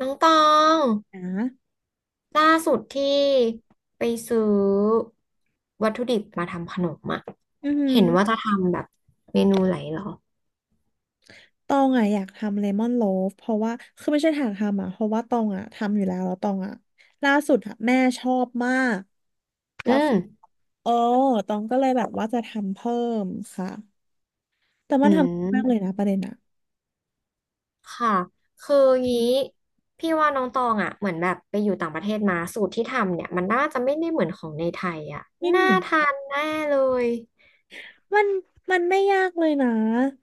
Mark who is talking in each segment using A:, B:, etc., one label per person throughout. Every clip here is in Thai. A: น้องตอง
B: นะ
A: ล่าสุดที่ไปซื้อวัตถุดิบมาทำขนมอะ
B: อือหือ
A: เห็นว่าจะทำแบบเมนูไหนเหรอ
B: ตองอ่ะอยากทำเลมอนโลฟเพราะว่าคือไม่ใช่ทางทำอ่ะเพราะว่าตองอ่ะทำอยู่แล้วแล้วตองอ่ะล่าสุดอ่ะแม่ชอบมาก
A: อื
B: แล้ว
A: ม
B: เออตองก็เลยแบบว่าจะทำเพิ่มค่ะแต่
A: อื
B: มันทำง่ายมากเลยนะ
A: ม
B: ประเด็นอ่ะ
A: ค่ะ คืองี้พี่ว่าน้องตองอะเหมือนแบบไปอยู่ต่างประเทศมาสูตรที่ทำเนี่ยมันน่าจะไม่ได้เหมือนของในไทยอะ
B: ไม่เห
A: น่า
B: มือน
A: ทานแน่เลย
B: มันมันไม่ยากเลยนะ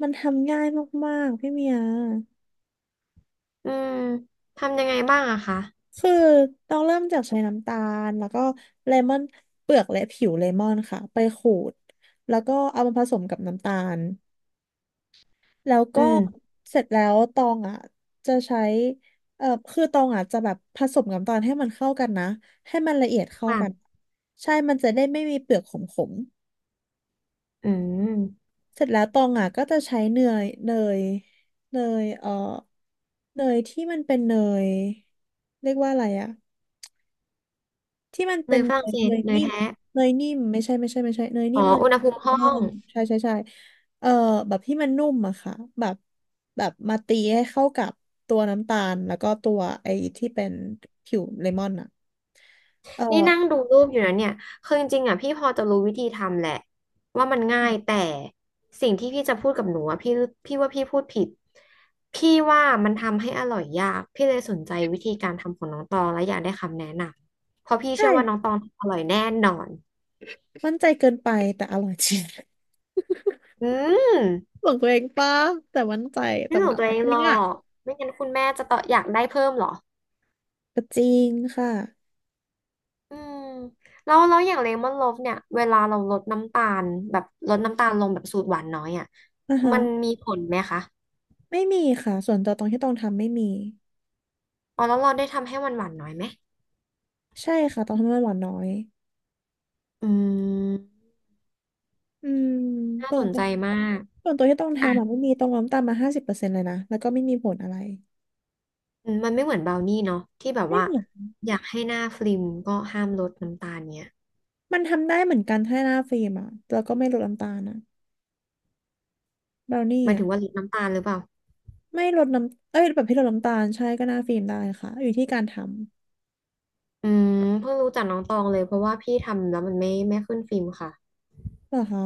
B: มันทำง่ายมากๆพี่เมีย
A: อืมทำยังไงบ้างอะคะ
B: คือต้องเริ่มจากใช้น้ำตาลแล้วก็เลมอนเปลือกและผิวเลมอนค่ะไปขูดแล้วก็เอามาผสมกับน้ำตาล แล้ว
A: อื
B: ก็
A: ม
B: เสร็จแล้วตองอ่ะจะใช้คือตองอ่ะจะแบบผสมกัน้ำตาลให้มันเข้ากันนะให้มันละเอียดเข้า
A: ค่ะ
B: กันใช่มันจะได้ไม่มีเปลือกขม
A: อืม
B: ๆเสร็จแล้วตองอ่ะก็จะใช้ยเนยเนยเนยที่มันเป็นเนยเรียกว่าอะไรอ่ะ ที่มัน
A: เน
B: เป็น
A: ยฝรั่งเศ
B: เน
A: ส
B: ย
A: เนย
B: นิ่ม
A: แท้
B: เนยนิ่มไม่ใช่ไม่ใช่ไม่ใช่เนย
A: อ๋
B: นิ่
A: อ
B: มเนย
A: อุณหภูมิห้อ
B: ร่อ
A: ง
B: งใช่เออแบบที่มันนุ่มอะค่ะแบบแบบมาตีให้เข้ากับตัวน้ำตาลแล้วก็ตัวไอ้ที่เป็นผิวเลมอนอะเอ
A: นี่นั่ง
B: อ
A: ดูรูปอยู่นะเนี่ยคือจริงๆอ่ะพี่พอจะรู้วิธีทำแหละว่ามันง่ายแต่สิ่งที่พี่จะพูดกับหนูอ่ะพี่ว่าพี่พูดผิดพี่ว่ามันทำให้อร่อยยากพี่เลยสนใจวิธีการทำของน้องตองและอยากได้คำแนะนำเพราะพี่เชื่อว่าน้อง
B: ใช่
A: ตองทำอร่อยแน่นอน
B: มั่นใจเกินไปแต่อร่อยจริง
A: อืม
B: บอกตัวเองป้าแต่มั่นใจแต่
A: ไม่หล
B: มัน
A: ง
B: อ
A: ตัว
B: ร่อ
A: เอ
B: ย
A: ง
B: จริ
A: หร
B: ง
A: อ
B: อะ
A: กไม่งั้นคุณแม่จะต่ออยากได้เพิ่มเหรอ
B: ก็จริงค่ะ
A: อืมแล้วแล้วอย่างเลมอนโลฟเนี่ยเวลาเราลดน้ำตาลแบบลดน้ำตาลลงแบบสูตรหวานน้อยอ่ะ
B: อ่าฮะ
A: มันมีผลไหมคะ
B: ไม่มีค่ะส่วนตัวตรงที่ต้องทำไม่มี
A: อ๋อแล้วเราได้ทำให้หวานหวานน้อยไหม
B: ใช่ค่ะต้องทำให้หวานน้อย
A: อืม
B: อืม
A: น่า
B: เปิ
A: ส
B: ด
A: นใจมาก
B: ส่วนตัวที่ต้อง
A: อ่ะ
B: ทำอ่ะไม่มีตรงล้มตามมา50%เลยนะแล้วก็ไม่มีผลอะไร
A: อืมมันไม่เหมือนบราวนี่เนาะที่แบบ
B: ไม่
A: ว่า
B: มี
A: อยากให้หน้าฟลิมก็ห้ามลดน้ำตาลเนี่ย
B: มันทำได้เหมือนกันถ้าหน้าฟิล์มอ่ะแล้วก็ไม่ลดน้ำตาลนะเบราวนี่
A: หมาย
B: อ่ะ
A: ถึงว่าลดน้ำตาลหรือเปล่า
B: ไม่ลดน้ำเอ้ยแบบที่ลดน้ำตาลใช่ก็หน้าฟิล์มได้ค่ะอยู่ที่การทำ
A: อืมเพิ่งรู้จักน้องตองเลยเพราะว่าพี่ทำแล้วมันไม่ขึ้นฟิล์มค่ะ
B: เหรอคะ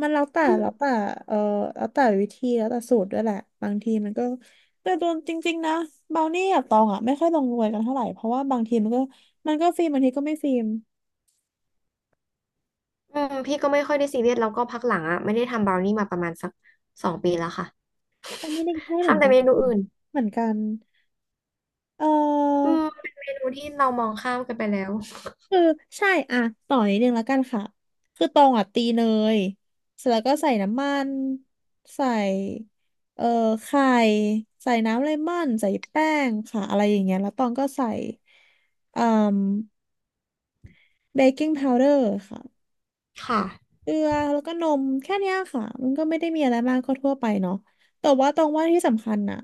B: มันแล้วแต่
A: อื
B: แล้ว
A: ม
B: แต่เออแล้วแต่วิธีแล้วแต่สูตรด้วยแหละบางทีมันก็แต่ตัวจริงๆนะเบราวนี่กับตองอ่ะไม่ค่อยลงรวยกันเท่าไหร่เพราะว่าบางทีมันก็ฟิล์มบางทีก็ไม่ฟิล์ม
A: อืมพี่ก็ไม่ค่อยได้ซีเรียสแล้วก็พักหลังอ่ะไม่ได้ทำบราวนี่มาประมาณสัก2 ปีแล้วค่ะ
B: ก็ไม่ได้ใช่เหมือ
A: ทำ
B: น
A: แต่
B: กัน
A: เมนูอื่น
B: เหมือนกันเอ
A: อืม
B: อ
A: เป็นเมนูที่เรามองข้ามกันไปแล้ว
B: คือใช่อ่ะต่อนิดนึงแล้วกันค่ะคือตองอ่ะตีเนยเสร็จแล้วก็ใส่น้ำมันใส่เอ่อไข่ใส่น้ำเลมอนใส่แป้งค่ะอะไรอย่างเงี้ยแล้วตองก็ใส่อ่เบกกิ้งพาวเดอร์ค่ะ
A: ค่ะ
B: เกลือแล้วก็นมแค่เนี้ยค่ะมันก็ไม่ได้มีอะไรมากก็ทั่วไปเนาะแต่ว่าตองว่าที่สำคัญน่ะ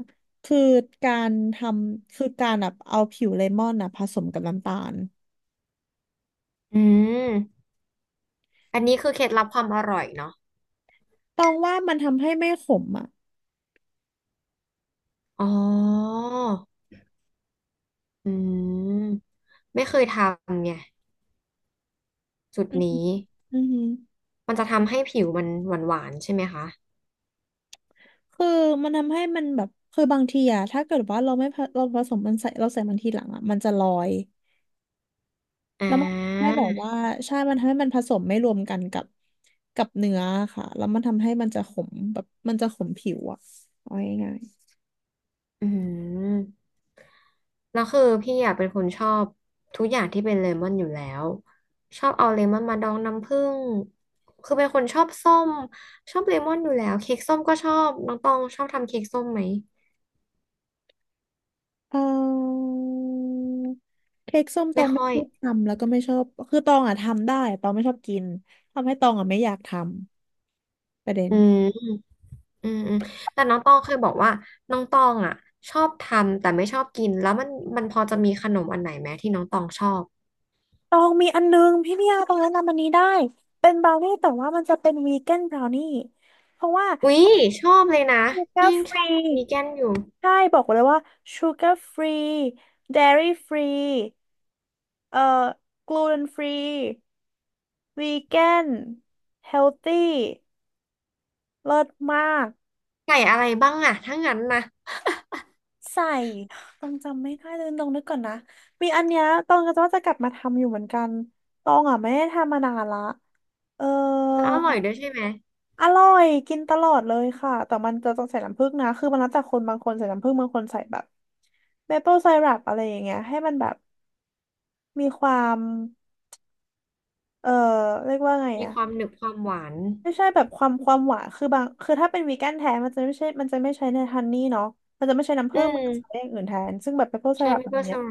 B: คือการทำคือการแบบเอาผิวเลมอนน่ะผสมกับน้ำตาล
A: อืมอันนี้คือเคล็ดลับความอร่อยเนาะ
B: ตองว่ามันทำให้ไม่ขมอ่ะ
A: อ๋ออืมไม่เคยทำไงจุดนี้
B: อือหือ
A: มันจะทำให้ผิวมันหวานๆใช่ไหมคะ
B: คือมันทำให้มันแบบคือบางทีอะถ้าเกิดว่าเราผสมมันใส่เราใส่มันทีหลังอะมันจะลอย
A: อ่
B: แล้วมันทำให้
A: า
B: แบบว่าใช่มันทำให้มันผสมไม่รวมกันกับกับเนื้อค่ะแล้วมันทำให้มันจะขมแบบมันจะขมผิวอะเอาง่าย
A: อืมแล้วคือพี่อ่ะเป็นคนชอบทุกอย่างที่เป็นเลมอนอยู่แล้ว ชอบเอาเลมอนมาดองน้ำผึ้ง คือเป็นคนชอบส้มชอบเลมอนอยู่แล้วเค้กส้มก็ชอบน้องตองชอบทำเค้กส้มไหม
B: ๆเค้กส้มตอ
A: ไม่
B: งไม่
A: ค่อย
B: ชอบทำแล้วก็ไม่ชอบคือตองอะทำได้ตองไม่ชอบกินทำให้ตองอะไม่อยากทำประเด็น
A: อืม อืมอืมแต่น้องตองเคยบอกว่าน้องตองอ่ะชอบทำแต่ไม่ชอบกินแล้วมันพอจะมีขนมอันไหนไหมที่น้องตองชอบ
B: ตองมีอันนึงพี่เมียตองแนะนำอันนี้ได้เป็นบราวนี่แต่ว่ามันจะเป็นวีแกนบราวนี่เพราะว่า
A: อุ๊ยชอบเลยนะ
B: ชูกา
A: พี่
B: ร์
A: ยั
B: ฟ
A: งชอ
B: รี
A: บวีแกนอยู่
B: ใช่บอกเลยว่าชูการ์ฟรีเดรี่ฟรีเอ่อกลูเตนฟรีวีแกนเฮลตี้เลิศมาก
A: ไก่อะไรบ้างอ่ะถ้างั้นนะ
B: ใส่ต้องจำไม่ได้เลยตองนึกก่อนนะมีอันเนี้ยตองก็จะว่าจะกลับมาทำอยู่เหมือนกันตองอ่ะไม่ได้ทำมานานละเออ
A: แล้วอร่อยด้วยใช่ไหม
B: อร่อยกินตลอดเลยค่ะแต่มันจะต้องใส่น้ำผึ้งนะคือมันแล้วแต่คนบางคนใส่น้ำผึ้งบางคนใส่แบบเมเปิลไซรัปอะไรอย่างเงี้ยให้มันแบบมีความเออเรียกว่าไง
A: มี
B: อะ
A: ความหนึบความหวาน
B: ไม่ใช่แบบความหวานคือบางคือถ้าเป็นวีแกนแท้มันจะไม่ใช่มันจะไม่ใช้ในฮันนี่เนาะมันจะไม่ใช้น้ำ
A: อื
B: ผึ้งมันจะใช้อ
A: ม
B: ย่างอื่นแทนซึ่งแบบเมเปิลไซ
A: ใช่
B: รั
A: ไห
B: ป
A: ม
B: อะไร
A: เปื่อนส
B: เงี้
A: รั
B: ย
A: บ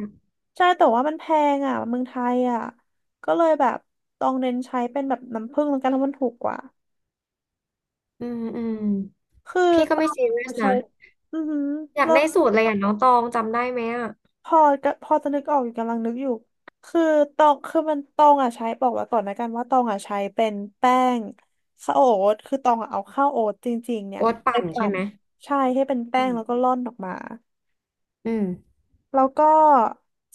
B: ใช่แต่ว่ามันแพงอะเมืองไทยอะก็เลยแบบต้องเน้นใช้เป็นแบบน้ำผึ้งแล้วกันเพราะมันถูกกว่า
A: อืมอืม
B: คือ
A: พี่ก็
B: ตอ
A: ไม่
B: น
A: ซีเรีย
B: จะ
A: ส
B: ใช้
A: นะ
B: อือหือ
A: อยากได้สูตรเลยอ่ะน้องตองจำได้ไหมอ่ะ
B: พอก็พอจะนึกออกอยู่กำลังนึกอยู่คือตองคือมันตองอ่ะใช้บอกไว้ก่อนนะกันว่าตองอ่ะใช้เป็นแป้งข้าวโอ๊ตคือตองอ่ะเอาข้าวโอ๊ตจริงๆเนี่ย
A: โอ๊ต
B: ไป
A: ปั่นใช่
B: ปั่น
A: ไหม
B: ใช่ให้เป็นแป้
A: อื
B: ง
A: ม
B: แล้วก็ร่อนออกมา
A: อืม
B: แล้วก็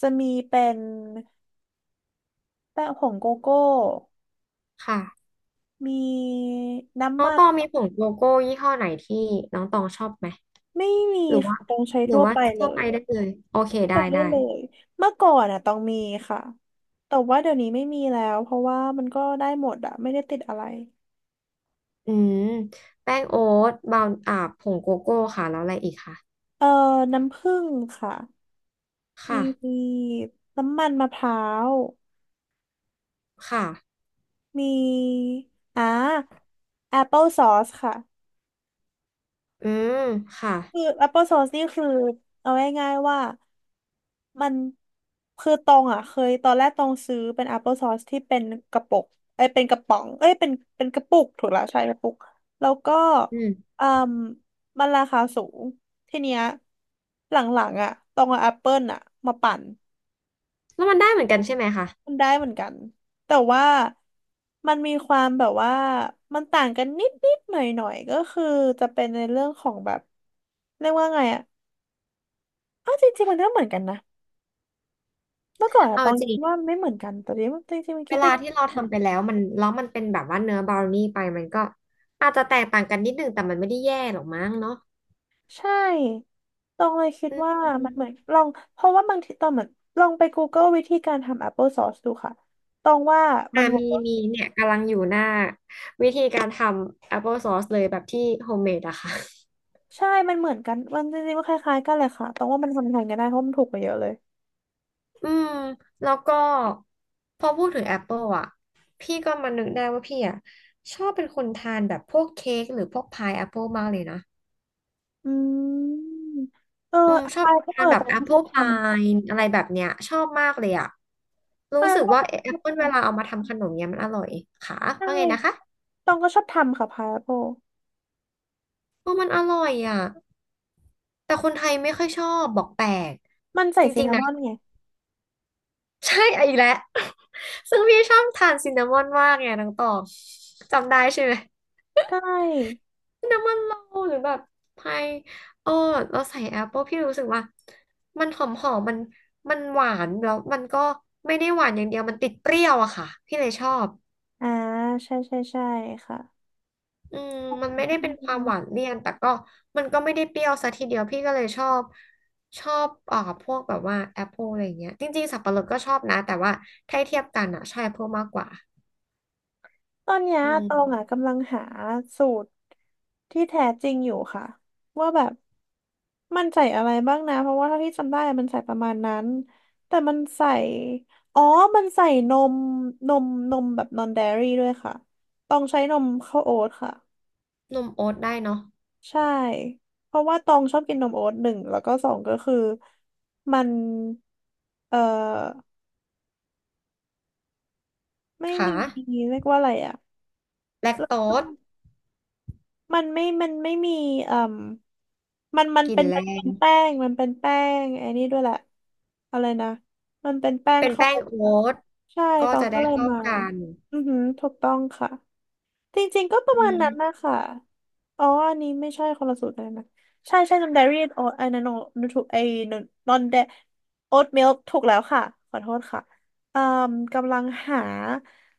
B: จะมีเป็นแป้งผงโกโก้
A: ค่ะ
B: มีน้ำ
A: น้อง
B: มั
A: ต
B: น
A: องมีผงโกโก้ยี่ห้อไหนที่น้องตองชอบไหม
B: ไม่มี
A: หรือว่า
B: ค่ะตองใช้
A: หรื
B: ทั่
A: อ
B: ว
A: ว่า
B: ไปเล
A: ทั่ว
B: ย
A: ไปได้เลยโอเค
B: ทั่วไป
A: ได้
B: ได้
A: ได้
B: เลยเมื่อก่อนอ่ะตองมีค่ะแต่ว่าเดี๋ยวนี้ไม่มีแล้วเพราะว่ามันก็ได้หมดอ่ะไม่ได้ติดอะไร
A: อืมแป้งโอ๊ตบราวน์อ่าผงโกโก้ค่ะแล้วอะไรอีกค่ะ
B: เอ่อน้ำผึ้งค่ะ ม
A: ค่ะ
B: ีน้ำมันมะพร้าว
A: ค่ะ
B: มีอ่าแอปเปิลซอสค่ะ
A: อืมค่ะ
B: คือแอปเปิลซอสนี่คือเอาง่ายๆว่ามันคือตองอ่ะเคยตอนแรกตองซื้อเป็นแอปเปิลซอสที่เป็นกระปุกเอ้ยเป็นกระป๋องเอ้ยเป็นเป็นกระปุกถูกแล้วใช่กระปุกแล้วก็
A: อืม
B: อืมมันราคาสูงทีเนี้ยหลังๆอ่ะตองเอาแอปเปิลอ่ะมาปั่น
A: แล้วมันได้เหมือนกันใช่ไหมคะ
B: มันได้เหมือนกันแต่ว่ามันมีความแบบว่ามันต่างกันนิดนิดหน่อยหน่อยๆก็คือจะเป็นในเรื่องของแบบเรียกว่าไงอะอ้าวจริงๆมันก็เหมือนกันนะเมื่อก่อนอะ
A: เอา
B: ตอง
A: จ
B: คิด
A: ริง
B: ว่ามันไม่เหมือนกันแต่นี้จริงๆมัน
A: เว
B: คิดไป
A: ลาที่เรา
B: คิด
A: ทำไป
B: มา
A: แล้วมันเป็นแบบว่าเนื้อบราวนี่ไปมันก็อาจจะแตกต่างกันนิดนึงแต่มันไม่ได้แย่หรอกมั้งเนาะ
B: ใช่ตองเลยคิด
A: อื
B: ว่า
A: ม
B: มันเหมือนลองเพราะว่าบางทีตอนเหมือนลองไป Google วิธีการทำ Apple Sauce ดูค่ะตองว่ามั
A: อ่า
B: นเวิ
A: มี
B: ร์ก
A: มีเนี่ยกำลังอยู่หน้าวิธีการทำ Apple Sauce เลยแบบที่โฮมเมดอะค่ะ
B: ใช่มันเหมือนกันมันจริงๆมันคล้ายๆกันเลยค่ะตองว่ามันทำแทนกันได้เพราะมันถูกกว่าเยอะเลย
A: อืมแล้วก็พอพูดถึงแอปเปิลอ่ะพี่ก็มานึกได้ว่าพี่อ่ะชอบเป็นคนทานแบบพวกเค้กหรือพวกพายแอปเปิลมากเลยนะ
B: อืมเออ
A: อืมชอบ
B: พายก็
A: ทานแบ
B: ต
A: บ
B: อง
A: แอป
B: ก็ช
A: เปิ
B: อ
A: ล
B: บท
A: พายอะไรแบบเนี้ยชอบมากเลยอ่ะ
B: ำ
A: รู้
B: พาย
A: สึก
B: ก็
A: ว่า
B: ตอง
A: แอ
B: ช
A: ป
B: อบ
A: เปิลเวลาเอา
B: ทำ
A: มาทำขนมเนี้ยมันอร่อยค่ะ
B: ใช่
A: ว่าไงนะคะ
B: ตองก็ชอบทำค่ะพายโป
A: เ่าะมันอร่อยอ่ะแต่คนไทยไม่ค่อยชอบบอกแปลก
B: มันใส่
A: จ
B: ซิน
A: ริง
B: นา
A: ๆ
B: ม
A: นะ
B: อนไง
A: ใช่อ่ะอีกแล้ว ซึ่งพี่ชอบทานซินนามอนมากไงน้องตองจำได้ใช่ไหม
B: ใช่
A: น้ำมันโลหรือแบบพายเออเราใส่แอปเปิลพี่รู้สึกว่ามันหอมหอมมันหวานแล้วมันก็ไม่ได้หวานอย่างเดียวมันติดเปรี้ยวอะค่ะพี่เลยชอบ
B: อ่าใช่ใช่ใช่ค่ะ
A: อืมมันไม่ได้เป็นความหวานเลี่ยนแต่ก็มันก็ไม่ได้เปรี้ยวซะทีเดียวพี่ก็เลยชอบชอบพวกแบบว่าแอปเปิลอะไรอย่างเงี้ยจริงๆสับปะรดก็ชอบนะแต่ว่าถ้าเทียบกันอะใช่แอปเปิลมากกว่า
B: ตอนเนี้ย
A: อืม
B: ตองอ่ะกำลังหาสูตรที่แท้จริงอยู่ค่ะว่าแบบมันใส่อะไรบ้างนะเพราะว่าเท่าที่จำได้มันใส่ประมาณนั้นแต่มันใส่อ๋อมันใส่นมนมนมแบบนอน D A I รี่ด้วยค่ะต้องใช้นมข้าวโอ๊ตค่ะ
A: นมโอ๊ตได้เนาะ
B: ใช่เพราะว่าตองชอบกินนมโอ๊ตหนึ่งแล้วก็สองก็คือมันเอ่อไม่
A: ค่ะ
B: มีเรียกว่าอะไรอะ
A: แลคโตส
B: มันไม่มีเอ่ม
A: กลิ่นแร
B: มันเป็
A: ง
B: นแป้งไอ้นี่ด้วยแหละอะไรนะมันเป็นแป้ง
A: เป็น
B: ข้าว
A: แป้ง
B: โอ๊ต
A: โอ๊
B: อะ
A: ต
B: ใช่
A: ก็
B: ตอง
A: จะ
B: ก็
A: ได้
B: เลย
A: เข้า
B: มา
A: กัน
B: อือหือถูกต้องค่ะจริงๆก็ป
A: อื
B: ระมาณนั้น
A: ม
B: นะคะอ๋ออันนี้ไม่ใช่คนละสูตรเลยนะใช่ใช่นมเดอรี่โอ๊ตไอ้นั่นนถูกไอ้นอนเดโอ๊ตมิลถูกแล้วค่ะขอโทษค่ะอ่มกำลังหา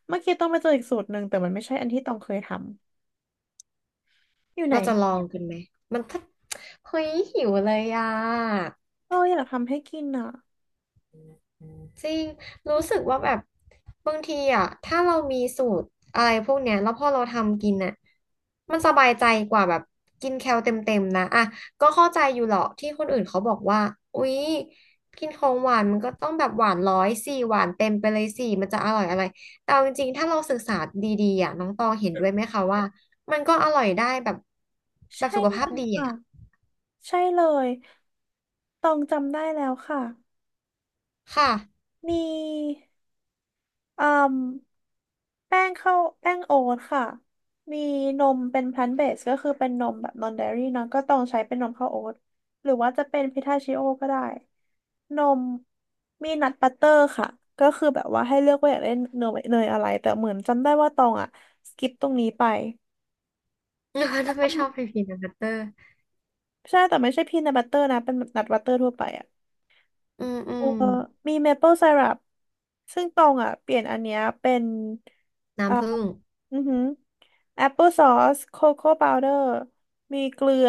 B: เมื่อกี้ต้องไปเจออีกสูตรหนึ่งแต่มันไม่ใช่อันที่ต้องเคยทำอยู่ไหน
A: เราจะลองกันไหมมันถ้าเฮ้ยหิวเลยอ่ะ
B: เอออยากทำให้กินอ่ะ
A: จริงรู้สึกว่าแบบบางทีอ่ะถ้าเรามีสูตรอะไรพวกเนี้ยแล้วพอเราทำกินอ่ะมันสบายใจกว่าแบบกินแคลเต็มๆนะอ่ะก็เข้าใจอยู่หรอกที่คนอื่นเขาบอกว่าอุ๊ยกินของหวานมันก็ต้องแบบหวานร้อยสี่หวานเต็มไปเลยสี่มันจะอร่อยอะไรแต่เอาจริงๆถ้าเราศึกษาดีๆอ่ะน้องตองเห็นด้วยไหมคะว่ามันก็อร่อยได้แบบแบบ
B: ใช่
A: สุข
B: เล
A: ภาพ
B: ย
A: ดี
B: ค่ะ
A: อ่ะ
B: ใช่เลยตองจำได้แล้วค่ะ
A: ค่ะ
B: มีอืมแป้งข้าวแป้งโอ๊ตค่ะมีนมเป็นพลันเบสก็คือเป็นนมแบบนอนเดอรี่เนอะก็ต้องใช้เป็นนมข้าวโอ๊ตหรือว่าจะเป็นพิทาชิโอก็ได้นมมีนัทบัตเตอร์ค่ะก็คือแบบว่าให้เลือกว่าอยากได้เนยอะไรแต่เหมือนจำได้ว่าตองอ่ะสกิปตรงนี้ไป
A: ถ้า
B: มั
A: ไม่
B: น
A: ชอบพีนัทเตอร์
B: ใช่แต่ไม่ใช่พีนัทบัตเตอร์นะเป็นนัทบัตเตอร์ทั่วไปอ่ะ
A: อืมอื
B: เอ
A: ม
B: อมีเมเปิลไซรัปซึ่งตองอ่ะเปลี่ยนอันเนี้ยเป็นอ่า
A: น้ำผึ้ง
B: อือหือแอปเปิลซอสโคโค่พาวเดอร์มีเกลือ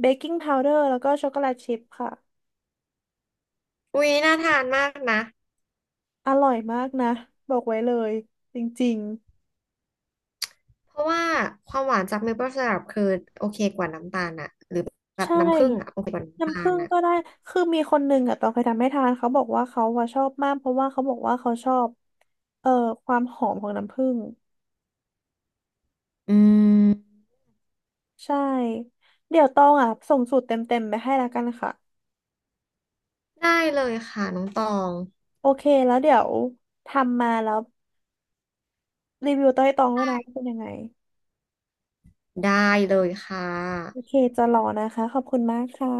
B: เบกกิ้งพาวเดอร์แล้วก็ช็อกโกแลตชิพค่ะ
A: อุ๊ยน่าทานมากนะ
B: อร่อยมากนะบอกไว้เลยจริง
A: เพราะว่าความหวานจากเมเปิลไซรัปคือโอเคกว่าน้ำตาลอะหรือแบ
B: ๆ
A: บ
B: ใช่
A: น้ำผึ้งอะโอเคกว่าน้ำตา
B: น้ำผึ้
A: ล
B: ง
A: อะ
B: ก็ได้คือมีคนหนึ่งอ่ะตองเคยทำให้ทานเขาบอกว่าเขาอะชอบมากเพราะว่าเขาบอกว่าเขาชอบเอ่อความหอมของน้ำผึ้ง
A: อืม
B: ใช่เดี๋ยวตองอ่ะส่งสูตรเต็มๆไปให้แล้วกันค่ะ
A: ได้เลยค่ะน้องตอง
B: โอเค แล้วเดี๋ยวทำมาแล้วรีวิวต้อยตองด้วยนะว่าเป็นยังไง
A: ได้เลยค่ะ
B: โอเค จะรอนะคะ ขอบคุณมากค่ะ